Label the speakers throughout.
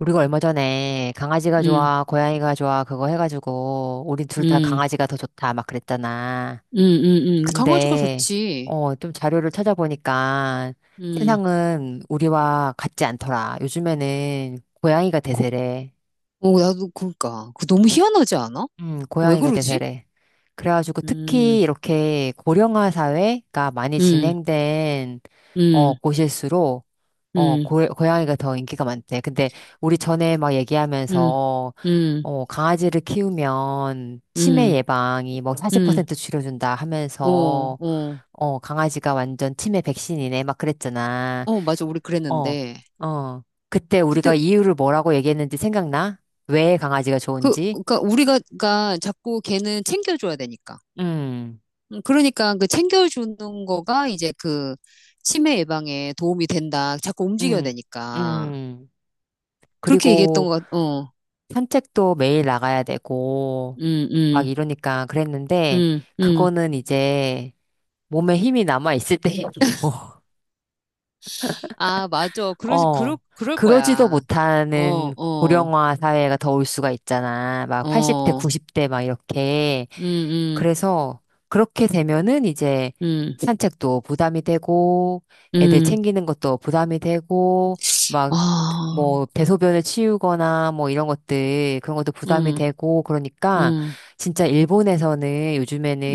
Speaker 1: 우리가 얼마 전에 강아지가
Speaker 2: 음,
Speaker 1: 좋아, 고양이가 좋아, 그거 해가지고, 우리 둘 다
Speaker 2: 음,
Speaker 1: 강아지가 더 좋다, 막 그랬잖아.
Speaker 2: 강아지가
Speaker 1: 근데,
Speaker 2: 좋지.
Speaker 1: 좀 자료를 찾아보니까
Speaker 2: 음.
Speaker 1: 세상은 우리와 같지 않더라. 요즘에는 고양이가
Speaker 2: 고,
Speaker 1: 대세래.
Speaker 2: 어, 나도 그니까. 그 너무 희한하지 않아? 왜
Speaker 1: 고양이가
Speaker 2: 그러지?
Speaker 1: 대세래. 그래가지고
Speaker 2: 음,
Speaker 1: 특히 이렇게 고령화 사회가 많이
Speaker 2: 음,
Speaker 1: 진행된
Speaker 2: 음,
Speaker 1: 곳일수록,
Speaker 2: 음,
Speaker 1: 고양이가 더 인기가 많대. 근데 우리 전에 막
Speaker 2: 음,
Speaker 1: 얘기하면서,
Speaker 2: 음,
Speaker 1: 강아지를 키우면 치매
Speaker 2: 음,
Speaker 1: 예방이 뭐
Speaker 2: 음.
Speaker 1: 40% 줄여준다
Speaker 2: 어,
Speaker 1: 하면서,
Speaker 2: 어.
Speaker 1: 강아지가 완전 치매 백신이네. 막 그랬잖아.
Speaker 2: 어, 맞아. 우리
Speaker 1: 어,
Speaker 2: 그랬는데.
Speaker 1: 어. 그때
Speaker 2: 그때,
Speaker 1: 우리가 이유를 뭐라고 얘기했는지 생각나? 왜 강아지가
Speaker 2: 그,
Speaker 1: 좋은지?
Speaker 2: 그니까 우리가 가 자꾸 걔는 챙겨줘야 되니까.
Speaker 1: 음,
Speaker 2: 그러니까 그 챙겨주는 거가 이제 그 치매 예방에 도움이 된다. 자꾸 움직여야
Speaker 1: 음,
Speaker 2: 되니까.
Speaker 1: 음.
Speaker 2: 그렇게 얘기했던
Speaker 1: 그리고
Speaker 2: 것 같, 어.
Speaker 1: 산책도 매일 나가야 되고,
Speaker 2: 음, 음.
Speaker 1: 막 이러니까 그랬는데,
Speaker 2: 음, 음.
Speaker 1: 그거는 이제 몸에 힘이 남아있을 때 얘기고,
Speaker 2: 아, 맞아. 그러, 그러,
Speaker 1: 어,
Speaker 2: 그럴
Speaker 1: 그러지도
Speaker 2: 거야. 어,
Speaker 1: 못하는
Speaker 2: 어,
Speaker 1: 고령화 사회가 더 올 수가 있잖아. 막 80대,
Speaker 2: 어.
Speaker 1: 90대 막 이렇게.
Speaker 2: 음, 음,
Speaker 1: 그래서 그렇게 되면은 이제
Speaker 2: 음,
Speaker 1: 산책도 부담이 되고 애들
Speaker 2: 음.
Speaker 1: 챙기는 것도 부담이 되고 막
Speaker 2: 아,
Speaker 1: 뭐 대소변을 치우거나 뭐 이런 것들 그런 것도 부담이
Speaker 2: 음,
Speaker 1: 되고 그러니까
Speaker 2: 음,
Speaker 1: 진짜 일본에서는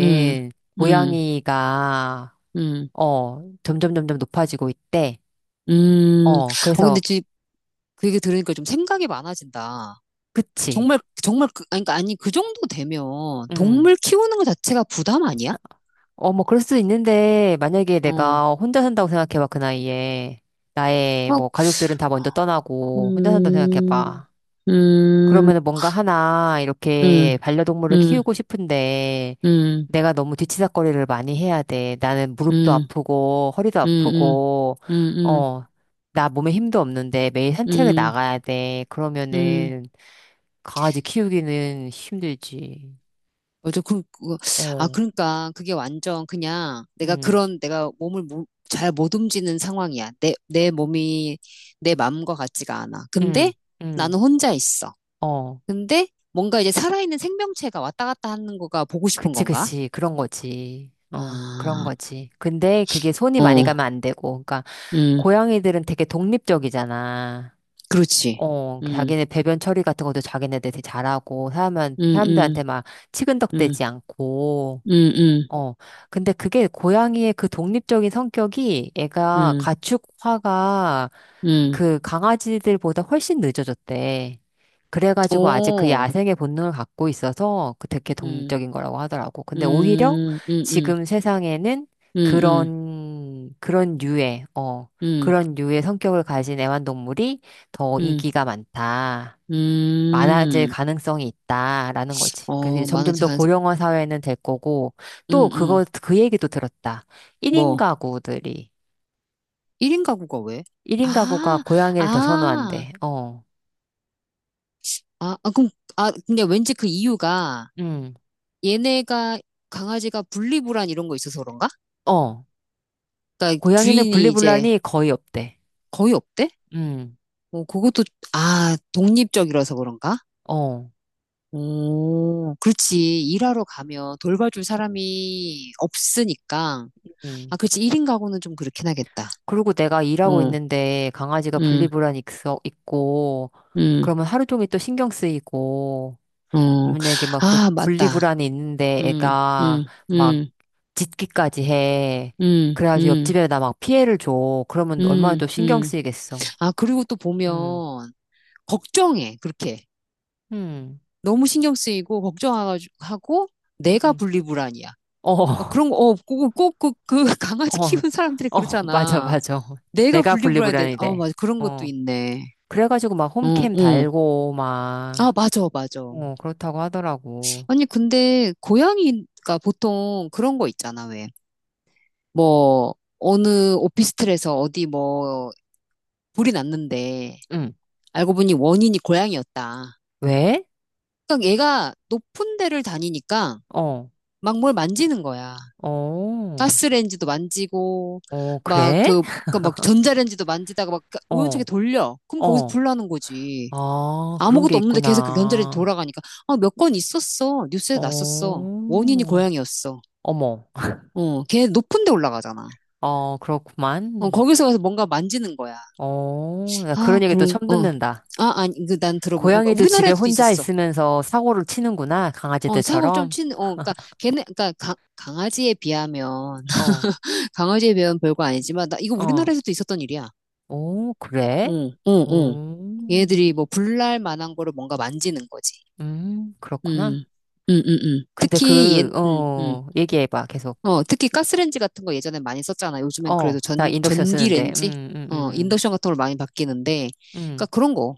Speaker 2: 음, 음,
Speaker 1: 고양이가
Speaker 2: 음,
Speaker 1: 점점 점점 높아지고 있대.
Speaker 2: 음. 어, 근데
Speaker 1: 그래서,
Speaker 2: 지금 그 얘기 들으니까 좀 생각이 많아진다.
Speaker 1: 그치.
Speaker 2: 정말, 정말, 그, 아니, 그러니까 아니, 그 정도 되면
Speaker 1: 음.
Speaker 2: 동물 키우는 것 자체가 부담 아니야?
Speaker 1: 뭐, 그럴 수도 있는데, 만약에
Speaker 2: 어,
Speaker 1: 내가 혼자 산다고 생각해봐, 그 나이에. 나의,
Speaker 2: 어,
Speaker 1: 뭐, 가족들은 다 먼저 떠나고, 혼자 산다고
Speaker 2: 음,
Speaker 1: 생각해봐. 그러면은
Speaker 2: 음,
Speaker 1: 뭔가 하나,
Speaker 2: 음,
Speaker 1: 이렇게 반려동물을
Speaker 2: 음,
Speaker 1: 키우고 싶은데,
Speaker 2: 음,
Speaker 1: 내가 너무 뒤치다꺼리를 많이 해야 돼. 나는 무릎도
Speaker 2: 음.
Speaker 1: 아프고, 허리도
Speaker 2: 음,
Speaker 1: 아프고,
Speaker 2: 음, 음,
Speaker 1: 어, 나 몸에 힘도 없는데, 매일
Speaker 2: 음,
Speaker 1: 산책을
Speaker 2: 음,
Speaker 1: 나가야 돼.
Speaker 2: 음.
Speaker 1: 그러면은, 강아지 키우기는 힘들지.
Speaker 2: 맞아. 그, 그, 아,
Speaker 1: 어,
Speaker 2: 그러니까 그게 완전 그냥 내가
Speaker 1: 응,
Speaker 2: 그런 내가 몸을 잘 못 움직이는 상황이야. 내 몸이 내 마음과 같지가 않아. 근데
Speaker 1: 응, 응,
Speaker 2: 나는 혼자 있어.
Speaker 1: 어.
Speaker 2: 근데 뭔가 이제 살아있는 생명체가 왔다 갔다 하는 거가 보고 싶은
Speaker 1: 그치,
Speaker 2: 건가?
Speaker 1: 그치. 그런 거지. 그런
Speaker 2: 아,
Speaker 1: 거지. 근데 그게 손이 많이
Speaker 2: 어,
Speaker 1: 가면 안 되고. 그러니까
Speaker 2: 음,
Speaker 1: 고양이들은 되게 독립적이잖아.
Speaker 2: 그렇지. 음,
Speaker 1: 자기네 배변 처리 같은 것도 자기네들 되게 잘하고,
Speaker 2: 음, 음,
Speaker 1: 사람들한테 막
Speaker 2: 음,
Speaker 1: 치근덕대지 않고.
Speaker 2: 음, 음,
Speaker 1: 어. 근데 그게 고양이의 그 독립적인 성격이 애가
Speaker 2: 음,
Speaker 1: 가축화가
Speaker 2: 음,
Speaker 1: 그 강아지들보다 훨씬 늦어졌대. 그래가지고 아직 그
Speaker 2: 오,
Speaker 1: 야생의 본능을 갖고 있어서 그 되게
Speaker 2: 음,
Speaker 1: 독립적인 거라고 하더라고. 근데 오히려
Speaker 2: 음, 음, 음.
Speaker 1: 지금 세상에는
Speaker 2: 음, 음,
Speaker 1: 그런, 그런 류의, 어,
Speaker 2: 음,
Speaker 1: 그런 류의 성격을 가진 애완동물이 더
Speaker 2: 음,
Speaker 1: 인기가 많다. 많아질
Speaker 2: 음.
Speaker 1: 가능성이 있다라는 거지. 그 이제
Speaker 2: 어,
Speaker 1: 점점
Speaker 2: 많아지
Speaker 1: 더
Speaker 2: 가능성,
Speaker 1: 고령화 사회는 될 거고,
Speaker 2: 음,
Speaker 1: 또
Speaker 2: 음.
Speaker 1: 그거, 그 얘기도 들었다. 1인
Speaker 2: 뭐,
Speaker 1: 가구들이,
Speaker 2: 1인 가구가 왜?
Speaker 1: 1인 가구가
Speaker 2: 아,
Speaker 1: 고양이를 더
Speaker 2: 아,
Speaker 1: 선호한대. 어,
Speaker 2: 아, 아, 그럼, 아, 근데 왠지 그 이유가
Speaker 1: 음,
Speaker 2: 얘네가, 강아지가 분리불안 이런 거 있어서 그런가?
Speaker 1: 어.
Speaker 2: 그러니까
Speaker 1: 고양이는
Speaker 2: 주인이 이제
Speaker 1: 분리불안이 거의 없대.
Speaker 2: 거의 없대?
Speaker 1: 음,
Speaker 2: 뭐, 그것도, 아, 독립적이라서 그런가?
Speaker 1: 어,
Speaker 2: 오, 그렇지. 일하러 가면 돌봐줄 사람이 없으니까. 아,
Speaker 1: 음.
Speaker 2: 그렇지. 1인 가구는 좀 그렇긴 하겠다.
Speaker 1: 그리고 내가 일하고
Speaker 2: 어,
Speaker 1: 있는데 강아지가
Speaker 2: 음,
Speaker 1: 분리불안이 있고,
Speaker 2: 음,
Speaker 1: 그러면 하루 종일 또 신경 쓰이고,
Speaker 2: 어,
Speaker 1: 만약에 막 또
Speaker 2: 아, 맞다.
Speaker 1: 분리불안이 있는데
Speaker 2: 음,
Speaker 1: 애가
Speaker 2: 음,
Speaker 1: 막
Speaker 2: 음,
Speaker 1: 짖기까지 해.
Speaker 2: 음,
Speaker 1: 그래가지고
Speaker 2: 음,
Speaker 1: 옆집에다 막 피해를 줘. 그러면 얼마나
Speaker 2: 음,
Speaker 1: 또 신경
Speaker 2: 음.
Speaker 1: 쓰이겠어.
Speaker 2: 아, 그리고 또
Speaker 1: 응,
Speaker 2: 보면, 걱정해, 그렇게.
Speaker 1: 응,
Speaker 2: 너무 신경 쓰이고, 걱정하고, 내가
Speaker 1: 응,
Speaker 2: 분리불안이야.
Speaker 1: 어,
Speaker 2: 막
Speaker 1: 어,
Speaker 2: 그런 거, 어, 꼭, 꼭, 그, 그, 강아지 키우는 사람들이
Speaker 1: 어, 맞아,
Speaker 2: 그렇잖아.
Speaker 1: 맞아.
Speaker 2: 내가
Speaker 1: 내가
Speaker 2: 분리불안인데,
Speaker 1: 분리불안이
Speaker 2: 아,
Speaker 1: 돼.
Speaker 2: 맞아. 그런 것도
Speaker 1: 어.
Speaker 2: 있네.
Speaker 1: 그래가지고 막
Speaker 2: 응,
Speaker 1: 홈캠
Speaker 2: 응.
Speaker 1: 달고
Speaker 2: 아,
Speaker 1: 막,
Speaker 2: 맞아, 맞아.
Speaker 1: 그렇다고 하더라고.
Speaker 2: 아니, 근데, 고양이가 보통 그런 거 있잖아, 왜. 뭐, 어느 오피스텔에서 어디 뭐, 불이 났는데,
Speaker 1: 응.
Speaker 2: 알고 보니 원인이 고양이였다.
Speaker 1: 왜?
Speaker 2: 그러니까 얘가 높은 데를 다니니까
Speaker 1: 어,
Speaker 2: 막 뭘 만지는 거야.
Speaker 1: 어,
Speaker 2: 가스레인지도 만지고,
Speaker 1: 어,
Speaker 2: 막
Speaker 1: 그래?
Speaker 2: 그, 그니까 막 전자레인지도 만지다가 막 우연찮게
Speaker 1: 어,
Speaker 2: 돌려. 그럼 거기서
Speaker 1: 어.
Speaker 2: 불 나는 거지.
Speaker 1: 아, 그런 게
Speaker 2: 아무것도 없는데 계속 그 전자레인지
Speaker 1: 있구나.
Speaker 2: 돌아가니까. 아, 몇 건 있었어. 뉴스에 났었어. 원인이
Speaker 1: 어,
Speaker 2: 고양이였어.
Speaker 1: 어머.
Speaker 2: 어, 걔 높은 데 올라가잖아.
Speaker 1: 어,
Speaker 2: 어,
Speaker 1: 그렇구만.
Speaker 2: 거기서 가서 뭔가 만지는 거야.
Speaker 1: 어, 나
Speaker 2: 아,
Speaker 1: 그런 얘기 또
Speaker 2: 그런,
Speaker 1: 처음
Speaker 2: 어.
Speaker 1: 듣는다.
Speaker 2: 아, 아니, 그 난 들어본, 어,
Speaker 1: 고양이도 집에
Speaker 2: 우리나라에도 서
Speaker 1: 혼자
Speaker 2: 있었어.
Speaker 1: 있으면서 사고를 치는구나.
Speaker 2: 어, 사고 좀
Speaker 1: 강아지들처럼.
Speaker 2: 친, 어, 그니까, 걔네, 그니까, 강, 강아지에 비하면,
Speaker 1: 어,
Speaker 2: 강아지에 비하면 별거 아니지만, 나 이거
Speaker 1: 어.
Speaker 2: 우리나라에서도 있었던 일이야.
Speaker 1: 오, 그래?
Speaker 2: 응, 응, 응.
Speaker 1: 오,
Speaker 2: 얘들이 뭐, 불날 만한 거를 뭔가 만지는 거지. 음,
Speaker 1: 그렇구나. 근데
Speaker 2: 특히, 얘,
Speaker 1: 얘기해봐, 계속.
Speaker 2: 어, 특히 가스레인지 같은 거 예전에 많이 썼잖아. 요즘엔 그래도
Speaker 1: 나
Speaker 2: 전,
Speaker 1: 인덕션 쓰는데.
Speaker 2: 전기레인지?
Speaker 1: 음,
Speaker 2: 어,
Speaker 1: 음,
Speaker 2: 인덕션 같은 걸 많이 바뀌는데, 그니까
Speaker 1: 음.
Speaker 2: 그런 거,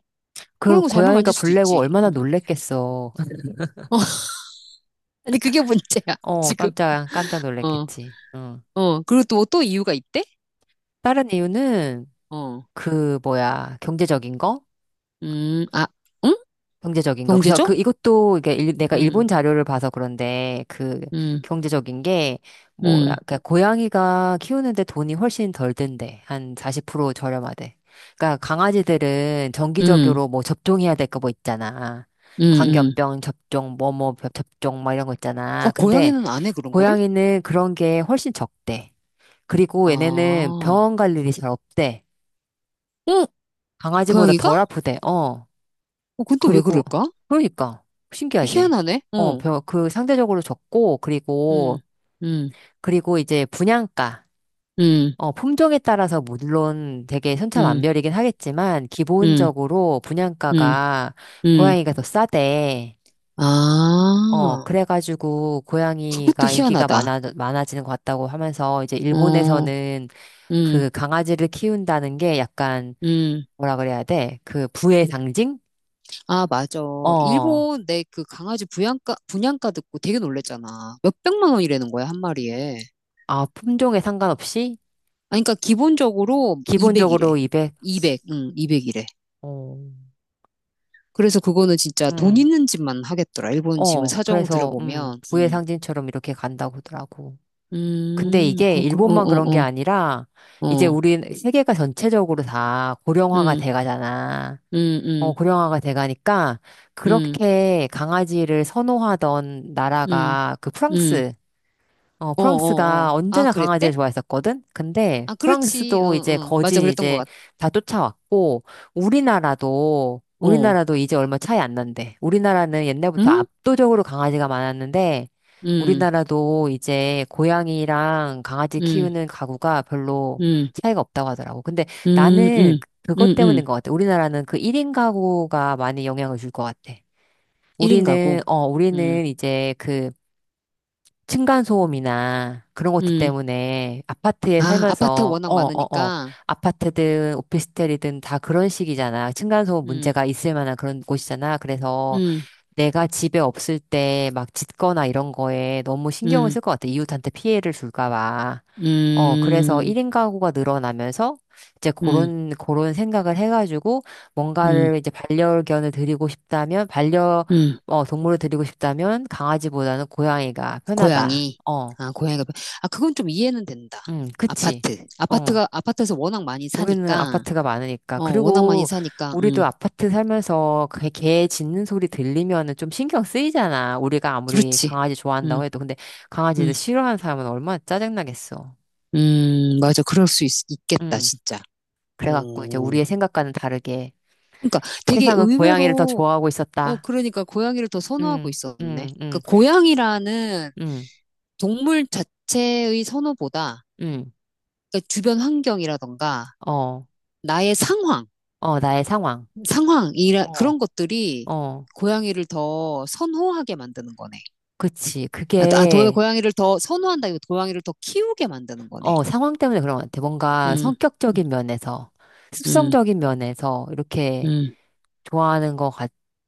Speaker 2: 그런
Speaker 1: 그
Speaker 2: 거 잘못
Speaker 1: 고양이가
Speaker 2: 만질 수도
Speaker 1: 불내고
Speaker 2: 있지.
Speaker 1: 얼마나
Speaker 2: 음.
Speaker 1: 놀랬겠어.
Speaker 2: 어, 아니, 그게 문제야, 지금.
Speaker 1: 깜짝, 깜짝
Speaker 2: 어,
Speaker 1: 놀랬겠지. 어.
Speaker 2: 어. 그리고 또, 또 이유가 있대?
Speaker 1: 다른 이유는,
Speaker 2: 어,
Speaker 1: 그 뭐야 경제적인 거?
Speaker 2: 아, 응?
Speaker 1: 경제적인 거. 그래서
Speaker 2: 경제죠?
Speaker 1: 그 이것도 이게 내가
Speaker 2: 음,
Speaker 1: 일본 자료를 봐서 그런데 그
Speaker 2: 음,
Speaker 1: 경제적인 게 뭐야
Speaker 2: 음,
Speaker 1: 그러니까 고양이가 키우는데 돈이 훨씬 덜 든대. 한 40% 저렴하대. 그러니까 강아지들은
Speaker 2: 음,
Speaker 1: 정기적으로 뭐 접종해야 될 거 뭐 있잖아.
Speaker 2: 음, 음.
Speaker 1: 광견병 접종, 뭐 뭐 접종 막 이런 거
Speaker 2: 어,
Speaker 1: 있잖아. 근데
Speaker 2: 고양이는 안 해, 그런 거를?
Speaker 1: 고양이는 그런 게 훨씬 적대. 그리고 얘네는
Speaker 2: 아,
Speaker 1: 병원 갈 일이 잘 없대.
Speaker 2: 어,
Speaker 1: 강아지보다
Speaker 2: 고양이가?
Speaker 1: 덜 아프대. 어.
Speaker 2: 어, 그건 또 왜
Speaker 1: 그리고,
Speaker 2: 그럴까?
Speaker 1: 그러니까, 신기하지?
Speaker 2: 희한하네. 어,
Speaker 1: 그 상대적으로 적고,
Speaker 2: 음,
Speaker 1: 그리고,
Speaker 2: 음,
Speaker 1: 그리고 이제 분양가,
Speaker 2: 음,
Speaker 1: 품종에 따라서 물론 되게
Speaker 2: 음,
Speaker 1: 천차만별이긴 하겠지만,
Speaker 2: 음,
Speaker 1: 기본적으로
Speaker 2: 음,
Speaker 1: 분양가가
Speaker 2: 음.
Speaker 1: 고양이가 더 싸대.
Speaker 2: 아,
Speaker 1: 그래가지고
Speaker 2: 그것도
Speaker 1: 고양이가 인기가
Speaker 2: 희한하다.
Speaker 1: 많아지는 것 같다고 하면서, 이제
Speaker 2: 어,
Speaker 1: 일본에서는
Speaker 2: 음,
Speaker 1: 그 강아지를 키운다는 게 약간,
Speaker 2: 음.
Speaker 1: 뭐라 그래야 돼? 그 부의 상징?
Speaker 2: 아, 맞아.
Speaker 1: 어.
Speaker 2: 일본 내 그 강아지 분양가, 분양가 듣고 되게 놀랬잖아. 몇백만 원이라는 거야, 한 마리에.
Speaker 1: 아, 품종에 상관없이
Speaker 2: 아, 그러니까 기본적으로 200이래.
Speaker 1: 기본적으로 200.
Speaker 2: 200, 응, 200이래.
Speaker 1: 어.
Speaker 2: 그래서 그거는 진짜 돈
Speaker 1: 음.
Speaker 2: 있는 집만 하겠더라. 일본 지금 사정
Speaker 1: 그래서
Speaker 2: 들어보면,
Speaker 1: 부의 상징처럼 이렇게 간다고 하더라고. 근데 이게
Speaker 2: 그, 그, 어,
Speaker 1: 일본만 그런 게
Speaker 2: 어,
Speaker 1: 아니라
Speaker 2: 어,
Speaker 1: 이제
Speaker 2: 어,
Speaker 1: 우리 세계가 전체적으로 다 고령화가
Speaker 2: 음,
Speaker 1: 돼 가잖아.
Speaker 2: 음, 음,
Speaker 1: 고령화가 돼 가니까
Speaker 2: 음,
Speaker 1: 그렇게 강아지를 선호하던
Speaker 2: 음,
Speaker 1: 나라가
Speaker 2: 음, 어, 어, 어.
Speaker 1: 프랑스가
Speaker 2: 아,
Speaker 1: 언제나
Speaker 2: 그랬대?
Speaker 1: 강아지를 좋아했었거든? 근데
Speaker 2: 아, 그렇지. 어,
Speaker 1: 프랑스도 이제
Speaker 2: 어. 맞아,
Speaker 1: 거진
Speaker 2: 그랬던 것
Speaker 1: 이제
Speaker 2: 같아.
Speaker 1: 다 쫓아왔고, 우리나라도,
Speaker 2: 어,
Speaker 1: 우리나라도 이제 얼마 차이 안 난대. 우리나라는 옛날부터
Speaker 2: 응?
Speaker 1: 압도적으로 강아지가 많았는데,
Speaker 2: 음,
Speaker 1: 우리나라도 이제 고양이랑 강아지
Speaker 2: 음,
Speaker 1: 키우는 가구가 별로
Speaker 2: 음.
Speaker 1: 차이가 없다고 하더라고. 근데
Speaker 2: 음,
Speaker 1: 나는
Speaker 2: 음, 음,
Speaker 1: 그것
Speaker 2: 음.
Speaker 1: 때문인 것 같아. 우리나라는 그 1인 가구가 많이 영향을 줄 것 같아.
Speaker 2: 1인 가구. 음,
Speaker 1: 우리는 이제 그 층간소음이나 그런 것들
Speaker 2: 음.
Speaker 1: 때문에 아파트에
Speaker 2: 아, 아파트
Speaker 1: 살면서,
Speaker 2: 워낙 많으니까.
Speaker 1: 아파트든 오피스텔이든 다 그런 식이잖아. 층간소음
Speaker 2: 음,
Speaker 1: 문제가 있을 만한 그런 곳이잖아. 그래서
Speaker 2: 음,
Speaker 1: 내가 집에 없을 때 막 짖거나 이런 거에 너무 신경을
Speaker 2: 음,
Speaker 1: 쓸 것 같아. 이웃한테 피해를 줄까 봐. 그래서
Speaker 2: 음,
Speaker 1: 1인 가구가 늘어나면서 이제
Speaker 2: 음,
Speaker 1: 그런 생각을 해가지고
Speaker 2: 음,
Speaker 1: 뭔가를 이제 반려견을 드리고 싶다면,
Speaker 2: 음.
Speaker 1: 동물을 드리고 싶다면 강아지보다는 고양이가 편하다.
Speaker 2: 고양이.
Speaker 1: 어,
Speaker 2: 아, 고양이가. 아, 그건 좀 이해는 된다.
Speaker 1: 그치.
Speaker 2: 아파트.
Speaker 1: 어,
Speaker 2: 아파트가, 아파트에서 워낙 많이
Speaker 1: 우리는
Speaker 2: 사니까.
Speaker 1: 아파트가 많으니까.
Speaker 2: 어, 워낙 많이
Speaker 1: 그리고
Speaker 2: 사니까.
Speaker 1: 우리도 아파트 살면서 그 개 짖는 소리 들리면은 좀 신경 쓰이잖아. 우리가 아무리
Speaker 2: 그렇지.
Speaker 1: 강아지
Speaker 2: 음,
Speaker 1: 좋아한다고 해도. 근데 강아지를
Speaker 2: 음,
Speaker 1: 싫어하는 사람은 얼마나 짜증나겠어.
Speaker 2: 맞아. 그럴 수 있, 있겠다,
Speaker 1: 음,
Speaker 2: 진짜.
Speaker 1: 그래갖고 이제
Speaker 2: 오.
Speaker 1: 우리의 생각과는 다르게
Speaker 2: 그러니까 되게
Speaker 1: 세상은 고양이를 더
Speaker 2: 의외로
Speaker 1: 좋아하고
Speaker 2: 어,
Speaker 1: 있었다.
Speaker 2: 그러니까 고양이를 더 선호하고
Speaker 1: 응,
Speaker 2: 있었네.
Speaker 1: 응,
Speaker 2: 그
Speaker 1: 응,
Speaker 2: 고양이라는
Speaker 1: 응,
Speaker 2: 동물 자체의 선호보다
Speaker 1: 응.
Speaker 2: 그 주변 환경이라던가
Speaker 1: 어,
Speaker 2: 나의 상황,
Speaker 1: 어, 나의 상황.
Speaker 2: 상황, 이라,
Speaker 1: 어,
Speaker 2: 그런 것들이
Speaker 1: 어,
Speaker 2: 고양이를 더 선호하게 만드는 거네.
Speaker 1: 그치.
Speaker 2: 아, 아, 더 고양이를 더 선호한다. 이거 고양이를 더 키우게 만드는 거네.
Speaker 1: 상황 때문에 그런 것 같아. 뭔가
Speaker 2: 음, 음,
Speaker 1: 성격적인 면에서,
Speaker 2: 음.
Speaker 1: 습성적인 면에서 이렇게
Speaker 2: 음,
Speaker 1: 좋아하는 것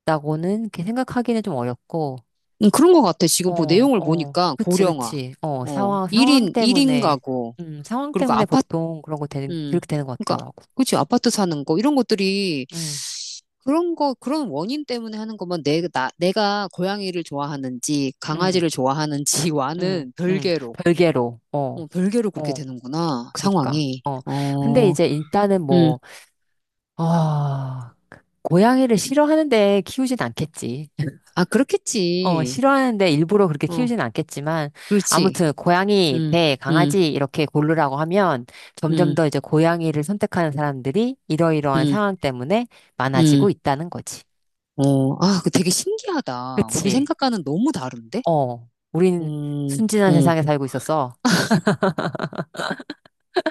Speaker 1: 같다고는 이렇게 생각하기는 좀 어렵고,
Speaker 2: 그런 것 같아. 지금 보
Speaker 1: 어,
Speaker 2: 내용을
Speaker 1: 어,
Speaker 2: 보니까
Speaker 1: 그치,
Speaker 2: 고령화,
Speaker 1: 그치. 어,
Speaker 2: 어, 일
Speaker 1: 상황
Speaker 2: 인 일인
Speaker 1: 때문에,
Speaker 2: 가구,
Speaker 1: 상황
Speaker 2: 그리고
Speaker 1: 때문에
Speaker 2: 아파트,
Speaker 1: 보통
Speaker 2: 음,
Speaker 1: 그렇게 되는 것
Speaker 2: 그러니까,
Speaker 1: 같더라고.
Speaker 2: 그치, 아파트 사는 거, 이런 것들이
Speaker 1: 응,
Speaker 2: 그런 거, 그런 원인 때문에 하는 거면 내, 나, 내가 고양이를 좋아하는지
Speaker 1: 응.
Speaker 2: 강아지를
Speaker 1: 응,
Speaker 2: 좋아하는지와는
Speaker 1: 응,
Speaker 2: 별개로,
Speaker 1: 별개로,
Speaker 2: 어,
Speaker 1: 어,
Speaker 2: 별개로 그렇게
Speaker 1: 어,
Speaker 2: 되는구나,
Speaker 1: 그니까,
Speaker 2: 상황이.
Speaker 1: 어. 근데
Speaker 2: 어,
Speaker 1: 이제 일단은
Speaker 2: 음,
Speaker 1: 뭐, 어, 고양이를 싫어하는데 키우진 않겠지.
Speaker 2: 아, 그렇겠지.
Speaker 1: 싫어하는데 일부러 그렇게
Speaker 2: 어,
Speaker 1: 키우진 않겠지만,
Speaker 2: 그렇지.
Speaker 1: 아무튼 고양이
Speaker 2: 음,
Speaker 1: 대
Speaker 2: 음,
Speaker 1: 강아지 이렇게 고르라고 하면 점점
Speaker 2: 음,
Speaker 1: 더 이제 고양이를 선택하는 사람들이 이러이러한
Speaker 2: 음,
Speaker 1: 상황 때문에
Speaker 2: 음.
Speaker 1: 많아지고 있다는 거지.
Speaker 2: 어, 아, 그 되게 신기하다. 우리
Speaker 1: 그치?
Speaker 2: 생각과는 너무 다른데?
Speaker 1: 우린
Speaker 2: 음,
Speaker 1: 순진한
Speaker 2: 음.
Speaker 1: 세상에 살고 있었어.